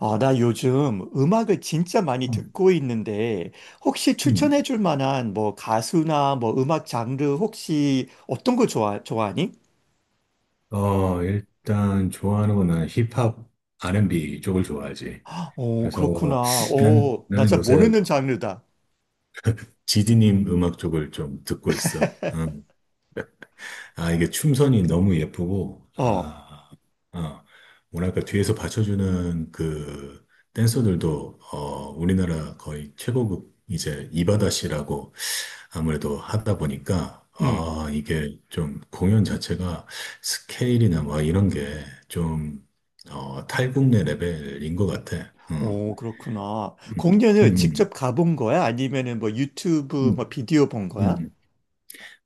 아, 나 요즘 음악을 진짜 많이 음, 듣고 있는데, 혹시 음. 추천해 줄 만한 뭐 가수나 뭐 음악 장르 혹시 어떤 거 좋아하니? 일단 좋아하는 거는 힙합, R&B 쪽을 좋아하지. 그래서 그렇구나. 난, 나 나는 잘 요새 모르는 장르다. 지디님 음악 쪽을 좀 듣고 있어. 이게 춤선이 너무 예쁘고, 어, 어, 뭐랄까, 뒤에서 받쳐주는 그 댄서들도, 우리나라 거의 최고급 이제 이바다 씨라고 아무래도 하다 보니까, 응. 이게 좀 공연 자체가 스케일이나 막 이런 게 좀, 탈국내 레벨인 것 같아. 그렇구나. 음, 공연을 음, 직접 가본 거야? 아니면은 뭐 유튜브 뭐 음, 비디오 본 거야? 음.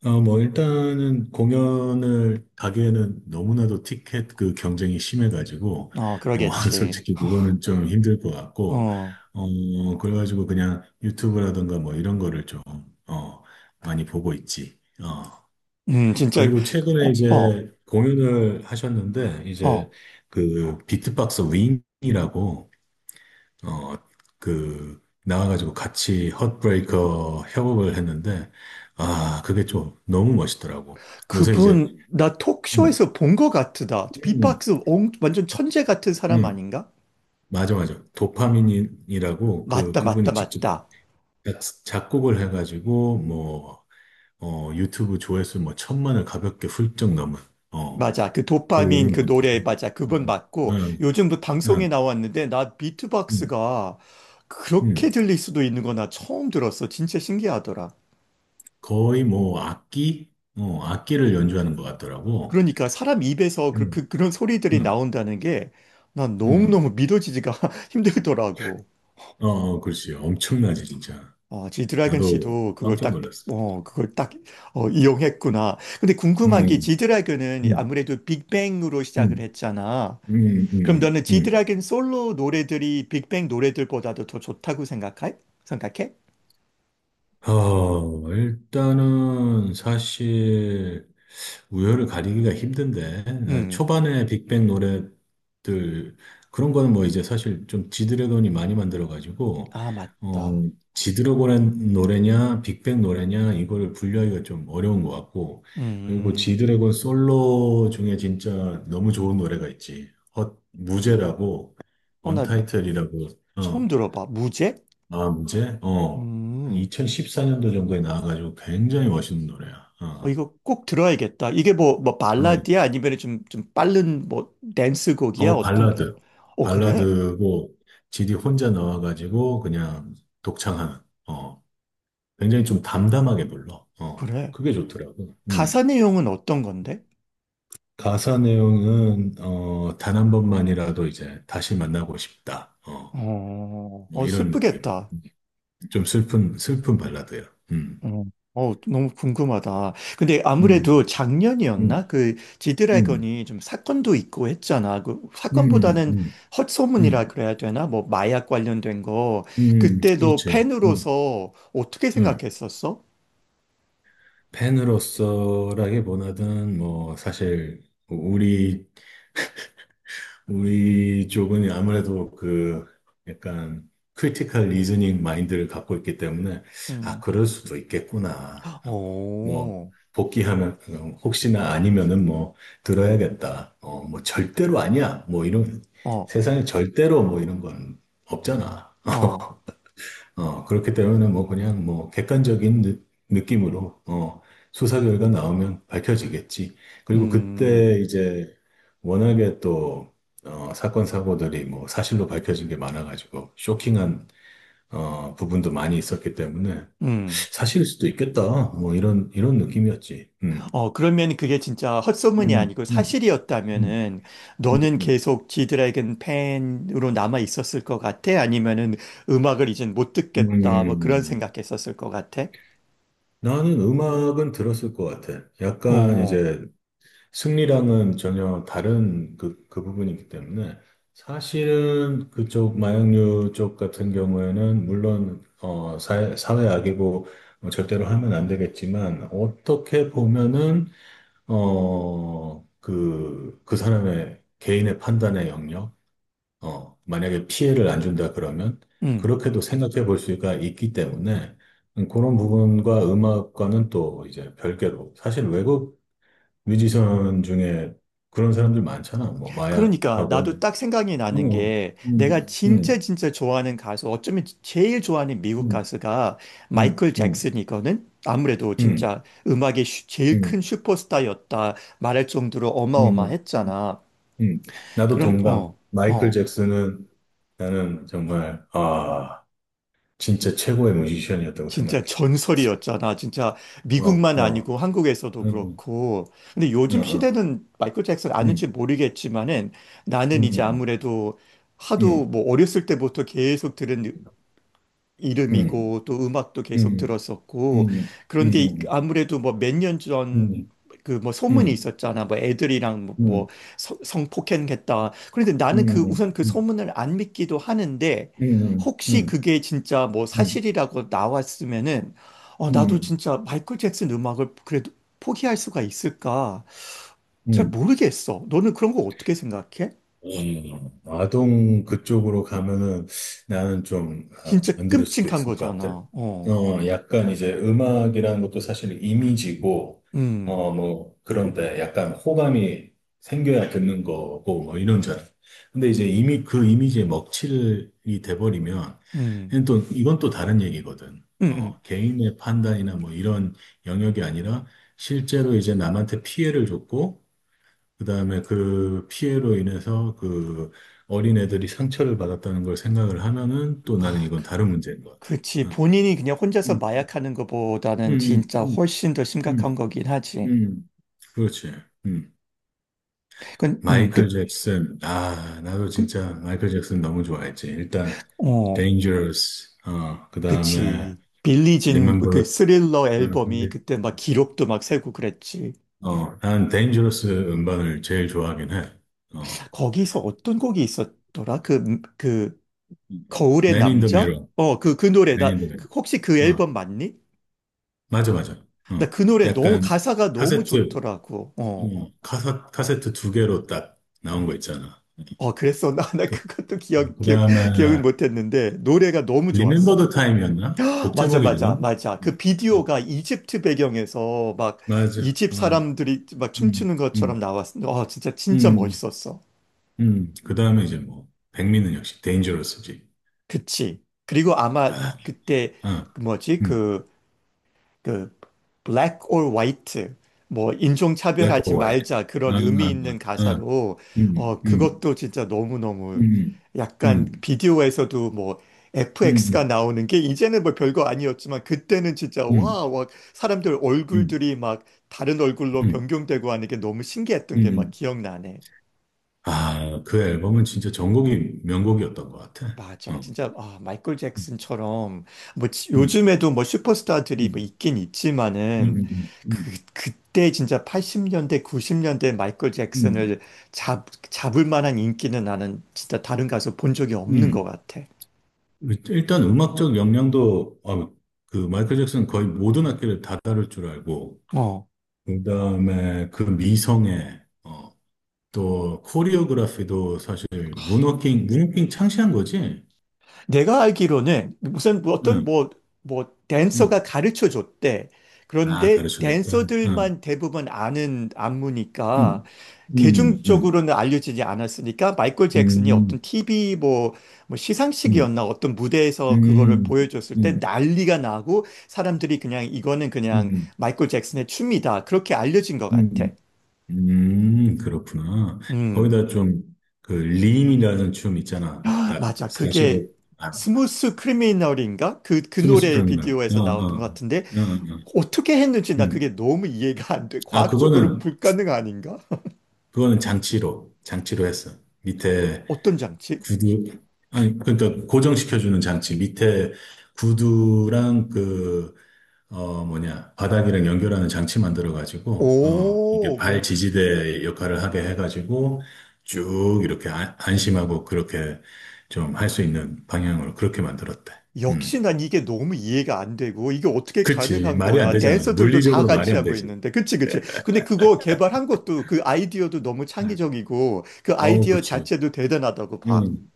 뭐, 일단은 공연을 가기에는 너무나도 티켓 그 경쟁이 심해가지고, 어, 그러겠지. 솔직히 그거는 좀 힘들 것 같고, 어, 그래가지고 그냥 유튜브라든가 뭐 이런 거를 좀, 어, 많이 보고 있지. 어. 진짜, 그리고 최근에 어, 어, 이제 공연을 하셨는데, 이제 어. 그 비트박스 윙이라고, 어, 나와가지고 같이 헛브레이커 협업을 했는데, 아, 그게 좀 너무 멋있더라고. 요새 그분, 나 음, 톡쇼에서 본 것 같으다. 음, 비박스 옹, 완전 천재 같은 사람 음, 아닌가? 맞아, 맞아. 도파민이라고 그, 맞다, 맞다, 그분이 직접 맞다. 작곡을 해가지고, 뭐, 유튜브 조회수 뭐 천만을 가볍게 훌쩍 넘은, 어, 맞아. 그 도파민 그런 그 노래, 분이거든. 맞아. 그분 음, 맞고, 음, 요즘 그 방송에 음. 나왔는데, 나 음. 비트박스가 음, 그렇게 들릴 수도 있는 거나 처음 들었어. 진짜 신기하더라. 거의 뭐 악기, 악기를 연주하는 것 같더라고. 그러니까 사람 입에서 그, 음, 그, 그런 소리들이 음, 나온다는 게, 난 음. 너무너무 믿어지지가 힘들더라고. 어, 어, 그렇지. 엄청나지, 진짜. 지드래곤 나도 씨도 그걸 깜짝 딱, 놀랐어. 그걸 딱, 음, 이용했구나. 근데 궁금한 게 음, 지드래곤은 음, 아무래도 빅뱅으로 시작을 음, 했잖아. 음, 그럼 음, 너는 음. 지드래곤 솔로 노래들이 빅뱅 노래들보다도 더 좋다고 생각해? 어, 일단은 사실 우열을 가리기가 힘든데 나 음, 초반에 빅뱅 노래들 그런 거는 뭐 이제 사실 좀 지드래곤이 많이 만들어가지고 아, 어 맞다. 지드래곤의 노래냐 빅뱅 노래냐 이거를 분류하기가 좀 어려운 것 같고, 그리고 음, 지드래곤 솔로 중에 진짜 너무 좋은 노래가 있지. 헛 무제라고, 나 언타이틀이라고. 처음 들어봐. 무제? 아, 문제? 어. 한 음, 2014년도 정도에 나와가지고 굉장히 멋있는 노래야. 어. 이거 꼭 들어야겠다. 이게 뭐, 어, 발라드야? 아니면 좀 빠른 뭐, 댄스곡이야? 어떤, 발라드. 그래? 발라드고, 지디 혼자 나와가지고 그냥 독창하는. 어. 굉장히 좀 담담하게 불러. 어. 그래. 그게 좋더라고. 가사 음. 내용은 어떤 건데? 가사 내용은, 단 한 번만이라도 이제 다시 만나고 싶다. 어. 뭐 이런 느낌. 슬프겠다. 좀 슬픈 발라드야. 어, 너무 궁금하다. 근데 아무래도 음. 음. 작년이었나? 그 음. 지드래곤이 좀 사건도 있고 했잖아. 그 음. 사건보다는 음. 헛소문이라 음. 그래야 되나? 뭐 마약 관련된 거. 그때 도 그렇지. 팬으로서 어떻게 음. 생각했었어? 팬으로서라기보다는 뭐 사실 우리 쪽은 아무래도 그 약간 크리티컬 리즈닝 마인드를 갖고 있기 때문에 아 음. 그럴 수도 있겠구나 하고 뭐 어, 복귀하면, 혹시나 아니면은 뭐 들어야겠다, 어, 뭐 절대로 아니야, 뭐 이런 어, 세상에 절대로 뭐 이런 건 없잖아. 어, 그렇기 때문에 뭐 그냥 뭐 객관적인 느낌으로, 수사 결과 나오면 밝혀지겠지. 그리고 음, 그때 이제 워낙에 또 사건 사고들이 뭐 사실로 밝혀진 게 많아가지고 쇼킹한, 부분도 많이 있었기 때문에 음. 사실일 수도 있겠다, 뭐 이런 느낌이었지. 그러면 그게 진짜 헛소문이 음, 아니고 음, 음, 사실이었다면은 너는 음, 계속 지드래곤 팬으로 남아 있었을 것 같아? 아니면은 음악을 이젠 못 음. 듣겠다, 뭐 그런 음. 생각했었을 것 같아? 나는 음악은 들었을 것 같아. 약간 어, 이제 승리랑은 전혀 다른 그, 그 부분이기 때문에. 사실은 그쪽 마약류 쪽 같은 경우에는 물론, 어, 사회, 사회 악이고, 어, 절대로 하면 안 되겠지만 어떻게 보면은, 어, 그, 그 사람의 개인의 판단의 영역, 어, 만약에 피해를 안 준다 그러면 음. 그렇게도 생각해 볼 수가 있기 때문에. 그런 부분과 음악과는 또 이제 별개로, 사실 외국 뮤지션 중에 그런 사람들 많잖아. 뭐 그러니까 마약하고 나도 뭐. 딱 생각이 나는 뭐, 게 내가 음, 진짜 음, 진짜 좋아하는 가수, 어쩌면 제일 좋아하는 미국 음, 가수가 음, 마이클 음, 잭슨이거든? 아무래도 음, 진짜 음악의 제일 음, 큰 슈퍼스타였다 말할 정도로 음, 어마어마했잖아. 음. 나도 그런, 동감. 어, 마이클 어. 잭슨은 나는 정말 진짜 최고의 뮤지션이었다고 생각해. 진짜 전설이었잖아. 진짜 어, 미국만 어, 아니고 한국에서도 음, 그렇고. 근데 요즘 어, 시대는 마이클 잭슨 음, 아는지 모르겠지만은 나는 음, 이제 음, 아무래도 하도 음, 뭐 어렸을 때부터 계속 들은 음, 이름이고 또 음악도 계속 음, 들었었고 음, 음, 그런데 음, 아무래도 뭐 몇 년 음, 전 음, 그 뭐 음, 소문이 음, 있었잖아 뭐 애들이랑 뭐 음, 성폭행했다. 그런데 나는 그 음, 음, 우선 그 소문을 안 믿기도 하는데 음, 음, 혹시 음, 그게 진짜 뭐 음, 사실이라고 나왔으면은 어 나도 음, 진짜 마이클 잭슨 음악을 그래도 포기할 수가 있을까. 잘 음. 모르겠어. 너는 그런 거 어떻게 생각해? 아동 그쪽으로 가면은 나는 좀, 진짜 안 들을 수도 끔찍한 있을 것 같아. 거잖아. 어 약간 이제 음악이라는 것도 사실 이미지고, 음 어, 뭐, 그런데 약간 호감이 생겨야 듣는 거고, 뭐, 이런 줄 알아. 근데 이제 이미 그 이미지에 먹칠이 돼버리면, 음, 이건 또 다른 얘기거든. 음, 음. 어, 개인의 판단이나 뭐 이런 영역이 아니라 실제로 이제 남한테 피해를 줬고, 그다음에 그 피해로 인해서 그 어린애들이 상처를 받았다는 걸 생각을 하면은 또, 나는 아, 이건 그. 다른 문제인 것 같아. 그치. 응. 본인이 그냥 혼자서 음, 마약하는 것보다는 음, 진짜 음, 훨씬 더 심각한 음, 거긴 하지. 음. 그렇지. 음. 그, 음, 마이클 그, 잭슨. 아, 나도 그, 진짜 마이클 잭슨 너무 좋아했지. 일단 어, Dangerous. 어, 그다음에 그치. 빌리 Remember 진그 the, 스릴러 앨범이 근데, 그때 막 기록도 막 세고 그랬지. 어, 난 Dangerous 음반을 제일 좋아하긴 해. 어. 거기서 어떤 곡이 있었더라? 거울의 Man in the 남자? Mirror. 어, 그 노래. Man 나, in the Mirror. 혹시 그 어. 앨범 맞니? 맞아, 맞아. 나 어, 그 노래 너무, 약간 가사가 너무 카세트, 좋더라고. 어. 카세트 두 개로 딱 나온 거 있잖아. 어, 그랬어. 나 그것도 기억, 그 기억, 기억은 다음에 못했는데, 노래가 너무 리멤버 좋았어. 더 타임이었나? 곡 맞아, 제목이 맞아, 리멤버? 맞아. 그 음, 비디오가 음, 이집트 배경에서 막 맞아. 이집 어, 사람들이 막 음, 춤추는 것처럼 음, 나왔어. 진짜, 진짜 음, 멋있었어. 그 다음에 이제 뭐 백미는 역시 데인저러스지. 그치. 그리고 아마 아, 그때, 어, 그 뭐지, 음, 그 black or white 뭐 인종 블랙 차별하지 오 화이트. 말자 아, 그런 의미 아, 있는 아, 가사로 음, 음, 그것도 진짜 너무너무 음, 약간 음, 비디오에서도 뭐 음, FX가 음, 나오는 게 이제는 뭐 별거 아니었지만 그때는 진짜 음, 와, 와 사람들 음, 얼굴들이 막 다른 얼굴로 음, 변경되고 하는 게 너무 음, 신기했던 게 막 음, 기억나네. 아, 그 앨범은 진짜 전곡이 명곡이었던 것 같아. 맞아. 어. 진짜 아, 마이클 음, 잭슨처럼 뭐 음, 요즘에도 뭐 슈퍼스타들이 뭐 음, 있긴 음, 있지만은 음, 그 음, 그때 진짜 80년대 90년대 마이클 음. 잭슨을 잡 잡을 만한 인기는 나는 진짜 다른 가수 본 적이 없는 것 음. 같아. 일단 음악적 역량도, 아, 그 마이클 잭슨 거의 모든 악기를 다 다룰 줄 알고, 그다음에 그 미성에, 어, 또 코리오그라피도 사실 문워킹 창시한 거지. 내가 알기로는 무슨 뭐 어떤 응, 뭐 응. 댄서가 가르쳐 줬대. 아 그런데 가르쳐줬다. 응, 댄서들만 대부분 아는 안무니까 응, 응, 응, 대중적으로는 알려지지 않았으니까 마이클 잭슨이 응, 어떤 TV 뭐 응, 시상식이었나 어떤 무대에서 응, 그거를 응, 보여줬을 때 응, 난리가 나고 사람들이 그냥 이거는 그냥 응, 마이클 잭슨의 춤이다. 그렇게 알려진 것 응, 같아. 응, 그렇구나. 음, 거기다 좀, 그, 림이라는 춤 있잖아. 딱, 맞아. 45, 그게 아, 스무스 크리미널인가? 그 스무스프 노래 링이나 비디오에서 나왔던 것 어, 어. 같은데 어떻게 했는지 나 음. 그게 너무 이해가 안 돼. 아, 과학적으로 그거는, 불가능 아닌가? 그거는 장치로 했어. 밑에 어떤 장치? 구두, 아니, 그러니까 고정시켜주는 장치. 밑에 구두랑 그, 뭐냐, 바닥이랑 연결하는 장치 만들어가지고, 어, 이게 오, 발 뭔, 지지대 역할을 하게 해가지고, 쭉 이렇게, 안, 안심하고 그렇게 좀 할 수 있는 방향으로 그렇게 만들었대. 역시 음. 난 이게 너무 이해가 안 되고, 이게 어떻게 그렇지. 가능한 말이 안 거야? 되잖아. 댄서들도 다 물리적으로 말이 같이 안 하고 되지. 있는데. 그치, 그치. 근데 그거 개발한 것도 그 아이디어도 너무 네. 창의적이고, 그 어우, 아이디어 그렇지. 자체도 대단하다고 봐. 음.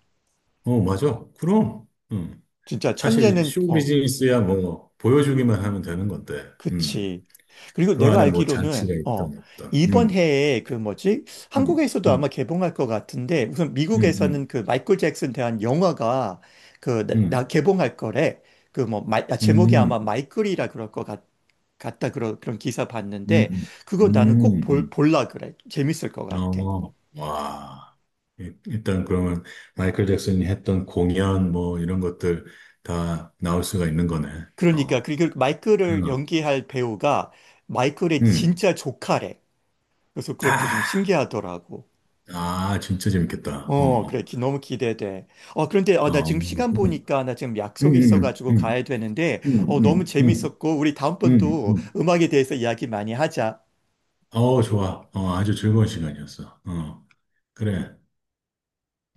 어, 맞아. 그럼. 음. 진짜 사실 천재는, 쇼 어, 비즈니스야, 뭐, 보여주기만 하면 되는 건데, 그치. 그리고 그 내가 안에 뭐 장치가 알기로는, 있던 없던. 이번 음. 해에 그 뭐지? 음. 한국에서도 아마 음. 개봉할 것 같은데, 우선 음. 미국에서는 음. 그 마이클 잭슨 대한 영화가 나 음. 개봉할 거래. 그 뭐, 제목이 아마 음. 마이클이라 그럴 것 같다. 그런 기사 음, 봤는데, 그거 음, 나는 꼭 볼, 음. 볼라 그래. 재밌을 것 음. 같아. 어, 와. 일단 그러면 마이클 잭슨이 했던 공연 뭐 이런 것들 다 나올 수가 있는 거네. 그러니까, 어. 그리고 마이클을 음. 연기할 배우가 마이클의 음. 진짜 조카래. 그래서 그것도 좀 아, 신기하더라고. 아, 진짜 재밌겠다. 그래. 어. 너무 기대돼. 그런데, 어. 나 어, 지금 시간 보니까, 나 지금 음. 약속이 음. 있어가지고 음. 가야 되는데, 음. 너무 음. 음. 재밌었고, 우리 음. 다음번도 음. 음악에 대해서 이야기 많이 하자. 어, 좋아. 어, 아주 즐거운 시간이었어. 어. 그래.